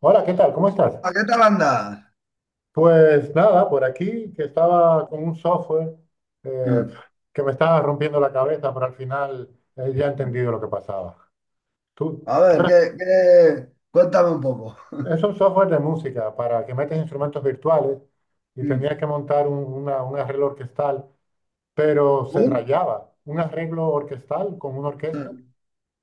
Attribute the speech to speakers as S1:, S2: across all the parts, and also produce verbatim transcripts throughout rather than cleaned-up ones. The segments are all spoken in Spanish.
S1: Hola, ¿qué tal? ¿Cómo estás?
S2: Ah, ¿qué tal andas?
S1: Pues nada, por aquí que estaba con un software eh,
S2: Hmm.
S1: que me estaba rompiendo la cabeza, pero al final eh, ya he entendido lo que pasaba. Tú,
S2: A
S1: tú
S2: ver,
S1: eras-
S2: ¿qué, qué- cuéntame un poco.
S1: es un software de música para que metes instrumentos virtuales y tenías
S2: Hmm.
S1: que montar un, una- un arreglo orquestal, pero se
S2: ¿Un?
S1: rayaba un arreglo orquestal con una orquesta
S2: Hmm.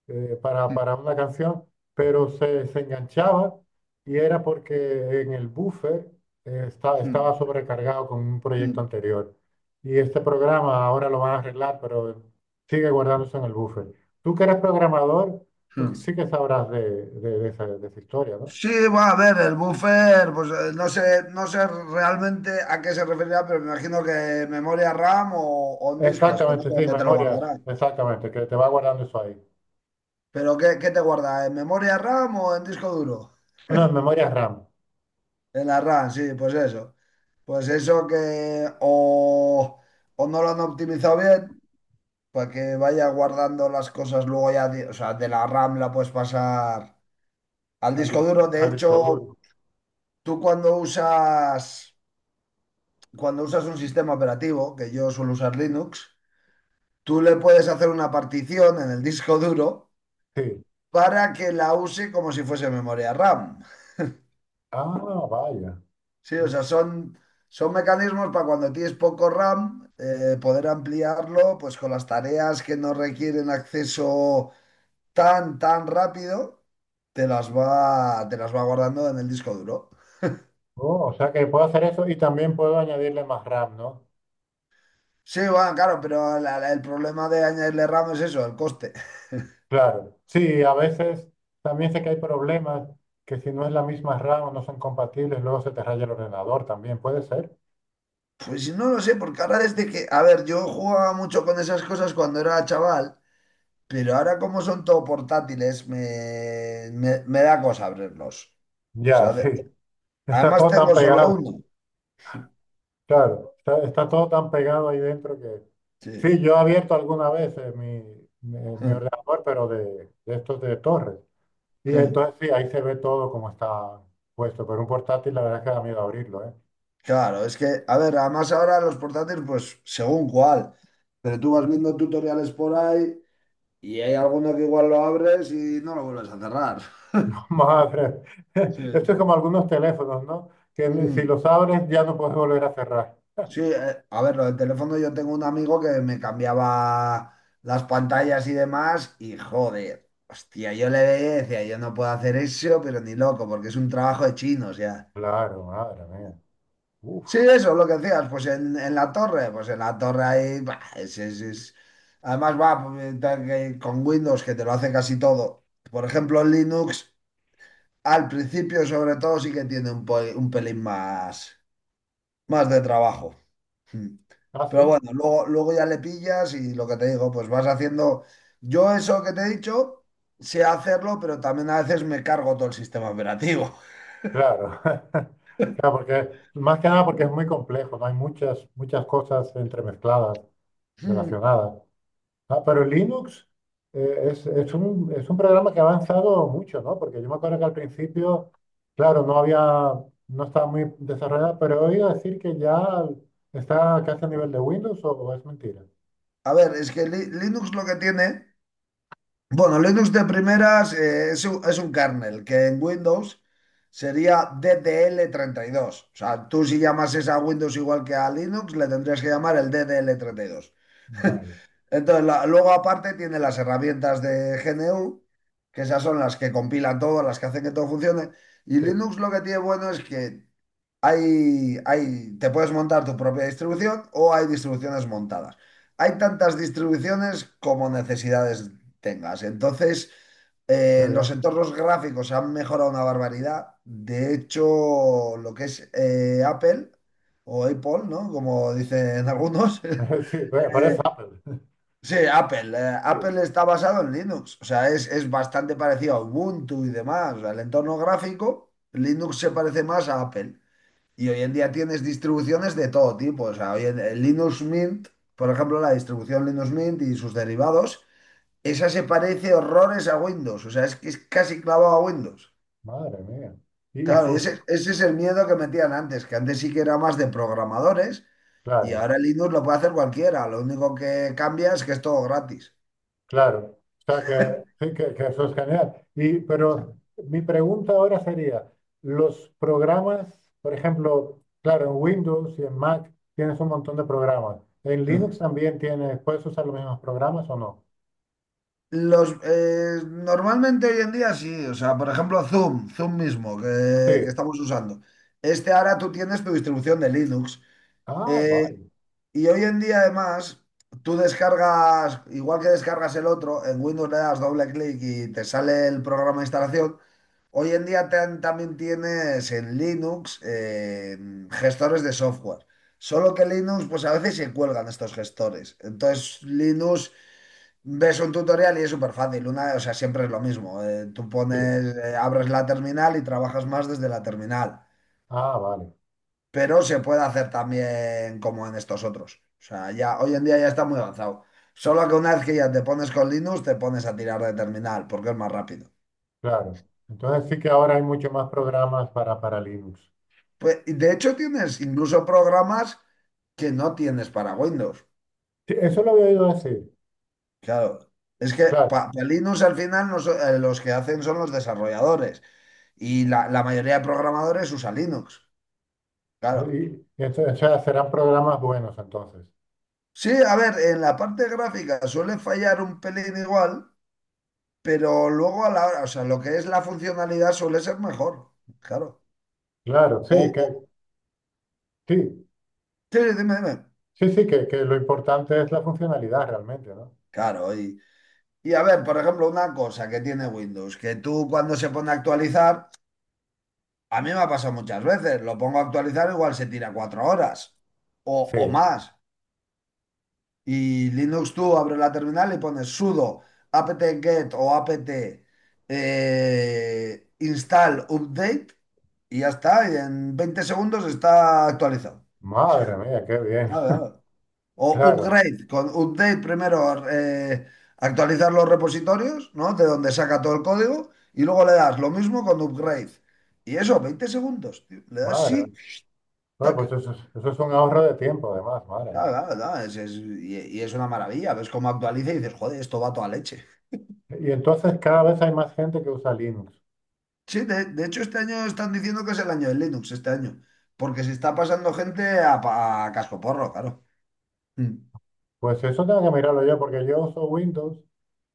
S1: eh, para, para una canción, pero se, se enganchaba y era porque en el buffer eh, esta- estaba
S2: Hmm.
S1: sobrecargado con un proyecto
S2: Hmm.
S1: anterior. Y este programa ahora lo van a arreglar, pero sigue guardándose en el buffer. Tú que eres programador, tú
S2: Hmm.
S1: sí que sabrás de, de, de esa, de esa historia, ¿no?
S2: Sí, va a ver, el buffer, pues eh, no sé, no sé realmente a qué se referirá, pero me imagino que memoria RAM o, o en disco, es que no
S1: Exactamente,
S2: sé
S1: sí,
S2: dónde te lo
S1: memoria,
S2: guardará.
S1: exactamente, que te va guardando eso ahí.
S2: Pero ¿qué, qué te guarda? ¿En memoria RAM o en disco duro?
S1: No, en memoria RAM,
S2: En la RAM, sí, pues eso. Pues eso que o, o no lo han optimizado bien, para que vaya guardando las cosas luego ya, de- o sea, de la RAM la puedes pasar al
S1: al,
S2: disco
S1: dis-
S2: duro. De
S1: al disco duro.
S2: hecho, tú cuando usas, cuando usas un sistema operativo, que yo suelo usar Linux, tú le puedes hacer una partición en el disco duro
S1: Sí.
S2: para que la use como si fuese memoria RAM.
S1: Ah, vaya.
S2: Sí, o sea, son, son mecanismos para cuando tienes poco RAM, eh, poder ampliarlo pues con las tareas que no requieren acceso tan, tan rápido, te las va, te las va guardando en el disco duro.
S1: Oh, o sea que puedo hacer eso y también puedo añadirle más RAM, ¿no?
S2: Sí, bueno, claro, pero la- la- el problema de añadirle RAM es eso, el coste.
S1: Claro. Sí, a veces también sé que hay problemas que si no es la misma RAM o no son compatibles, luego se te raya el ordenador también, ¿puede ser?
S2: Pues no lo sé, porque ahora desde que, a ver, yo jugaba mucho con esas cosas cuando era chaval, pero ahora como son todo portátiles, me, me, me da cosa abrirlos. O
S1: Ya,
S2: sea,
S1: sí.
S2: de- de-
S1: Está
S2: además
S1: todo tan
S2: tengo solo
S1: pegado,
S2: uno.
S1: claro. Está, está todo tan pegado ahí dentro que...
S2: Sí.
S1: Sí, yo he abierto alguna vez eh, mi, mi, mi ordenador, pero de, de estos de torres. Y entonces sí, ahí se ve todo como está puesto, pero un portátil la verdad es que da miedo abrirlo, ¿eh?
S2: Claro, es que, a ver, además ahora los portátiles, pues según cuál, pero tú vas viendo tutoriales por ahí. Y hay alguno que igual lo abres y no lo vuelves a cerrar.
S1: Madre,
S2: Sí,
S1: esto es
S2: sí.
S1: como algunos teléfonos, ¿no? Que ni- si
S2: Hmm.
S1: los abres ya no puedes volver a cerrar.
S2: Sí, eh, a ver, lo del teléfono yo tengo un amigo que me cambiaba las pantallas y demás y joder, hostia, yo le veía y decía, yo no puedo hacer eso, pero ni loco, porque es un trabajo de chinos ya.
S1: Claro, madre mía. Uf,
S2: Sí, eso, lo que decías, pues en, en la torre, pues en la torre ahí, bah, es, es- es- además va pues, tal que con Windows que te lo hace casi todo. Por ejemplo, en Linux. Al principio, sobre todo, sí que tiene un, po- un pelín más, más de trabajo. Mm.
S1: ah, sí,
S2: Pero bueno, luego, luego ya le pillas y lo que te digo, pues vas haciendo. Yo eso que te he dicho, sé hacerlo, pero también a veces me cargo todo el sistema operativo.
S1: claro. Claro, porque más que nada porque es muy complejo, ¿no? Hay muchas, muchas cosas entremezcladas,
S2: Mm.
S1: relacionadas. Ah, pero Linux eh, es, es un, es un programa que ha avanzado mucho, ¿no? Porque yo me acuerdo que al principio, claro, no había, no estaba muy desarrollada, pero he oído decir que ya está casi a nivel de Windows, ¿o o es mentira?
S2: A ver, es que Li- Linux lo que tiene. Bueno, Linux de primeras eh, es un, es un kernel, que en Windows sería ddl dos. O sea, tú si llamases a Windows igual que a Linux, le tendrías que llamar el ddl dos.
S1: Vale,
S2: Entonces, la- luego aparte tiene las herramientas de G N U, que esas son las que compilan todo, las que hacen que todo funcione. Y
S1: sí,
S2: Linux lo que tiene bueno es que hay, hay, te puedes montar tu propia distribución o hay distribuciones montadas. Hay tantas distribuciones como necesidades tengas. Entonces,
S1: qué
S2: eh, los
S1: bien.
S2: entornos gráficos han mejorado una barbaridad. De hecho, lo que es eh, Apple o Apple, ¿no? Como dicen algunos.
S1: Sí, pa- parece Apple.
S2: Sí, Apple. eh,
S1: Sí,
S2: Apple está basado en Linux, o sea, es, es bastante parecido a Ubuntu y demás. O sea, el entorno gráfico, Linux se parece más a Apple. Y hoy en día tienes distribuciones de todo tipo. O sea, hoy en, el Linux Mint, por ejemplo, la distribución Linux Mint y sus derivados, esa se parece horrores a Windows. O sea, es que es casi clavado a Windows.
S1: madre mía. Y, y
S2: Claro, y
S1: func-
S2: ese, ese es el miedo que metían antes, que antes sí que era más de programadores y
S1: claro,
S2: ahora Linux lo puede hacer cualquiera. Lo único que cambia es que es todo gratis.
S1: claro. O sea que sí, que, que eso es genial. Y, pero mi pregunta ahora sería, los programas, por ejemplo, claro, en Windows y en Mac tienes un montón de programas. En
S2: Hmm.
S1: Linux también tienes, ¿puedes usar los mismos programas o no?
S2: Los, eh, normalmente hoy en día sí, o sea, por ejemplo, Zoom, Zoom mismo,
S1: Sí.
S2: que, que estamos usando. Este ahora tú tienes tu distribución de Linux.
S1: Ah,
S2: eh,
S1: vale.
S2: y hoy en día, además, tú descargas, igual que descargas el otro, en Windows le das doble clic y te sale el programa de instalación. Hoy en día tan- también tienes en Linux eh, gestores de software. Solo que Linux, pues a veces se cuelgan estos gestores. Entonces, Linux. Ves un tutorial y es súper fácil. Una, o sea, siempre es lo mismo. Eh, tú
S1: Sí.
S2: pones, eh, abres la terminal y trabajas más desde la terminal.
S1: Ah, vale.
S2: Pero se puede hacer también como en estos otros. O sea, ya hoy en día ya está muy avanzado. Solo que una vez que ya te pones con Linux, te pones a tirar de terminal, porque es más rápido.
S1: Claro. Entonces sí que ahora hay muchos más programas para, para Linux.
S2: Pues, y de hecho, tienes incluso programas que no tienes para Windows.
S1: Sí, eso lo había oído decir.
S2: Claro. Es que para
S1: Claro,
S2: Linux al final no so- eh, los que hacen son los desarrolladores. Y la, la mayoría de programadores usa Linux. Claro.
S1: y, y ento- o sea, serán programas buenos entonces.
S2: Sí, a ver, en la parte gráfica suele fallar un pelín igual, pero luego a la hora, o sea, lo que es la funcionalidad suele ser mejor, claro.
S1: Claro,
S2: O,
S1: sí, que
S2: o-
S1: sí,
S2: sí, dime, dime.
S1: sí, sí, que, que lo importante es la funcionalidad realmente, ¿no?
S2: Claro, y, y a ver, por ejemplo, una cosa que tiene Windows, que tú cuando se pone a actualizar, a mí me ha pasado muchas veces, lo pongo a actualizar, igual se tira cuatro horas o,
S1: Sí,
S2: o más. Y Linux tú abres la terminal y pones sudo apt-get o apt eh, install update y ya está. Y en veinte segundos está actualizado.
S1: madre mía, qué bien,
S2: Claro, claro. O
S1: claro,
S2: upgrade, con update primero eh, actualizar los repositorios, ¿no? De donde saca todo el código y luego le das lo mismo con upgrade. Y eso, veinte segundos, tío. Le das
S1: madre
S2: sí,
S1: mía. Bueno,
S2: tac.
S1: pues eso es, eso es un ahorro de tiempo además, madre mía.
S2: Claro, claro, claro, es- es- y, y es una maravilla. Ves cómo actualiza y dices, joder, esto va a toda leche.
S1: Y entonces cada vez hay más gente que usa Linux.
S2: Sí, de, de hecho este año están diciendo que es el año de Linux, este año, porque se está pasando gente a, pa- a cascoporro, claro. Mm,
S1: Pues eso tengo que mirarlo yo, porque yo uso Windows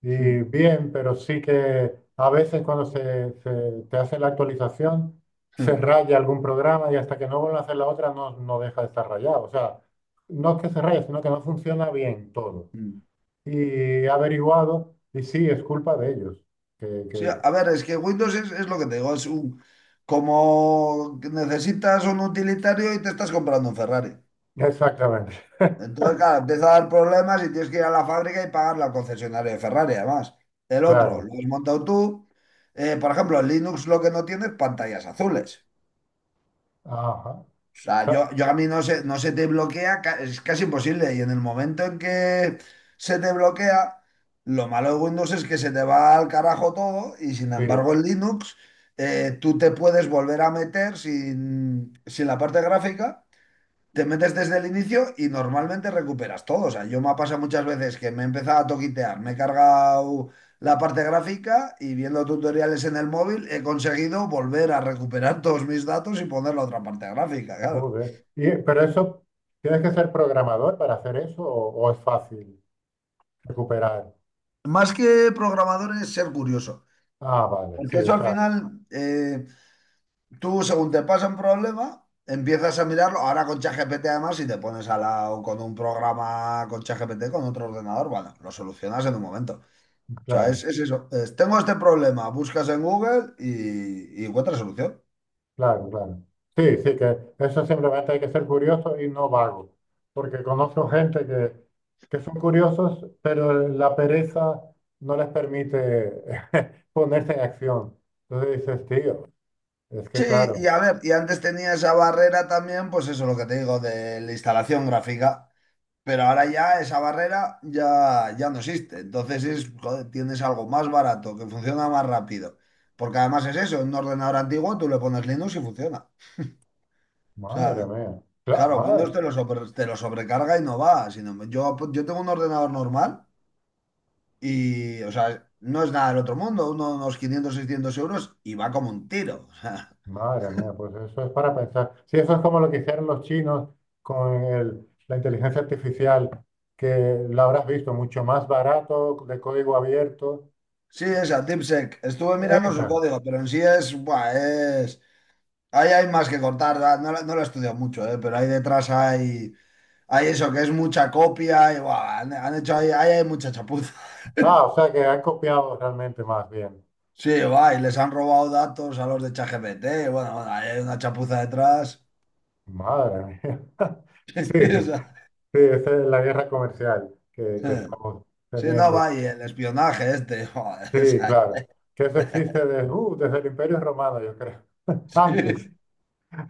S1: y
S2: mm,
S1: bien, pero sí que a veces cuando se, se- te hace la actualización, se
S2: mm,
S1: raya algún programa y hasta que no vuelvan a hacer la otra no, no deja de estar rayado. O sea, no es que se raye, sino que no funciona bien todo.
S2: mm.
S1: Y he averiguado, y sí, es culpa de ellos. Que,
S2: Sí,
S1: que-
S2: a ver, es que Windows es, es lo que te digo, es un... Como que necesitas un utilitario y te estás comprando un Ferrari.
S1: exactamente,
S2: Entonces, claro, empieza a dar problemas y tienes que ir a la fábrica y pagarle al concesionario de Ferrari, además. El otro, lo
S1: claro.
S2: has montado tú. Eh, por ejemplo, el Linux lo que no tiene es pantallas azules.
S1: Ajá.
S2: O sea,
S1: Ta-
S2: yo, yo a mí no se, no se te bloquea, ca- es casi imposible. Y en el momento en que se te bloquea, lo malo de Windows es que se te va al carajo todo y sin
S1: Sí,
S2: embargo en Linux eh, tú te puedes volver a meter sin, sin la parte gráfica, te metes desde el inicio y normalmente recuperas todo. O sea, yo me ha pasado muchas veces que me he empezado a toquitear, me he cargado la parte gráfica y viendo tutoriales en el móvil he conseguido volver a recuperar todos mis datos y poner la otra parte gráfica, claro.
S1: joder. Y- pero eso, ¿tienes que ser programador para hacer eso o o es fácil recuperar?
S2: Más que programadores ser curioso,
S1: Ah, vale, sí,
S2: porque
S1: o
S2: eso al
S1: sea,
S2: final, eh, tú según te pasa un problema, empiezas a mirarlo, ahora con ChatGPT además, si te pones al lado con un programa con ChatGPT, con otro ordenador, bueno, lo solucionas en un momento. O sea, es,
S1: claro,
S2: es eso, es, tengo este problema, buscas en Google y, y encuentras solución.
S1: claro, claro. Sí, sí, que eso simplemente hay que ser curioso y no vago, porque conozco gente que, que son curiosos, pero la pereza no les permite ponerse en acción. Entonces dices, tío, es que
S2: Sí,
S1: claro,
S2: y a ver, y antes tenía esa barrera también, pues eso, lo que te digo, de la instalación gráfica. Pero ahora ya esa barrera ya, ya no existe. Entonces es, joder, tienes algo más barato, que funciona más rápido. Porque además es eso, en un ordenador antiguo tú le pones Linux y funciona. O
S1: madre
S2: sea,
S1: mía, claro,
S2: claro,
S1: madre,
S2: Windows te lo, sobre- te lo sobrecarga y no va. Sino, yo, yo tengo un ordenador normal y, o sea, no es nada del otro mundo, uno- unos quinientos seiscientos euros y va como un tiro.
S1: madre mía, pues eso es para pensar. Sí, eso es como lo que hicieron los chinos con el- la inteligencia artificial, que la habrás visto, mucho más barato, de código abierto.
S2: O sea, sí, esa, TipSec. Estuve mirando su
S1: Esa.
S2: código, pero en sí es, buah, es... Ahí hay más que cortar, ¿verdad? No, lo no lo he estudiado mucho, ¿eh? Pero ahí detrás hay, hay eso, que es mucha copia y buah, han, han hecho ahí, ahí hay mucha chapuza.
S1: Ah, o sea que han copiado realmente más bien.
S2: Sí, va, y les han robado datos a los de ChatGPT. Y bueno, bueno, ahí hay una chapuza detrás.
S1: Madre mía. Sí,
S2: O
S1: sí, esa es la guerra comercial que, que
S2: sea,
S1: estamos
S2: sí, no,
S1: teniendo.
S2: va, y el espionaje este. Joder, o
S1: Sí,
S2: sea,
S1: claro. Que eso existe desde, uh, desde el Imperio Romano, yo creo.
S2: sí,
S1: Antes.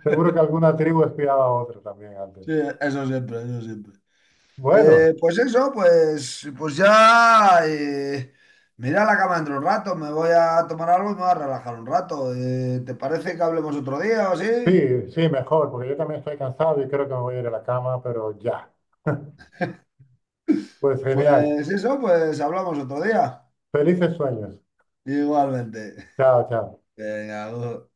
S1: Seguro que alguna tribu espiaba a otra también antes.
S2: sí, eso siempre, eso siempre.
S1: Bueno,
S2: Eh, pues eso, pues, pues ya. Eh, me iré a la cama dentro de un rato, me voy a tomar algo y me voy a relajar un rato. Eh, ¿te parece que hablemos otro día o sí?
S1: sí, sí, mejor, porque yo también estoy cansado y creo que me voy a ir a la cama, pero ya. Pues genial.
S2: Pues eso, pues hablamos otro día.
S1: Felices sueños.
S2: Igualmente.
S1: Chao, chao.
S2: Venga, ojo.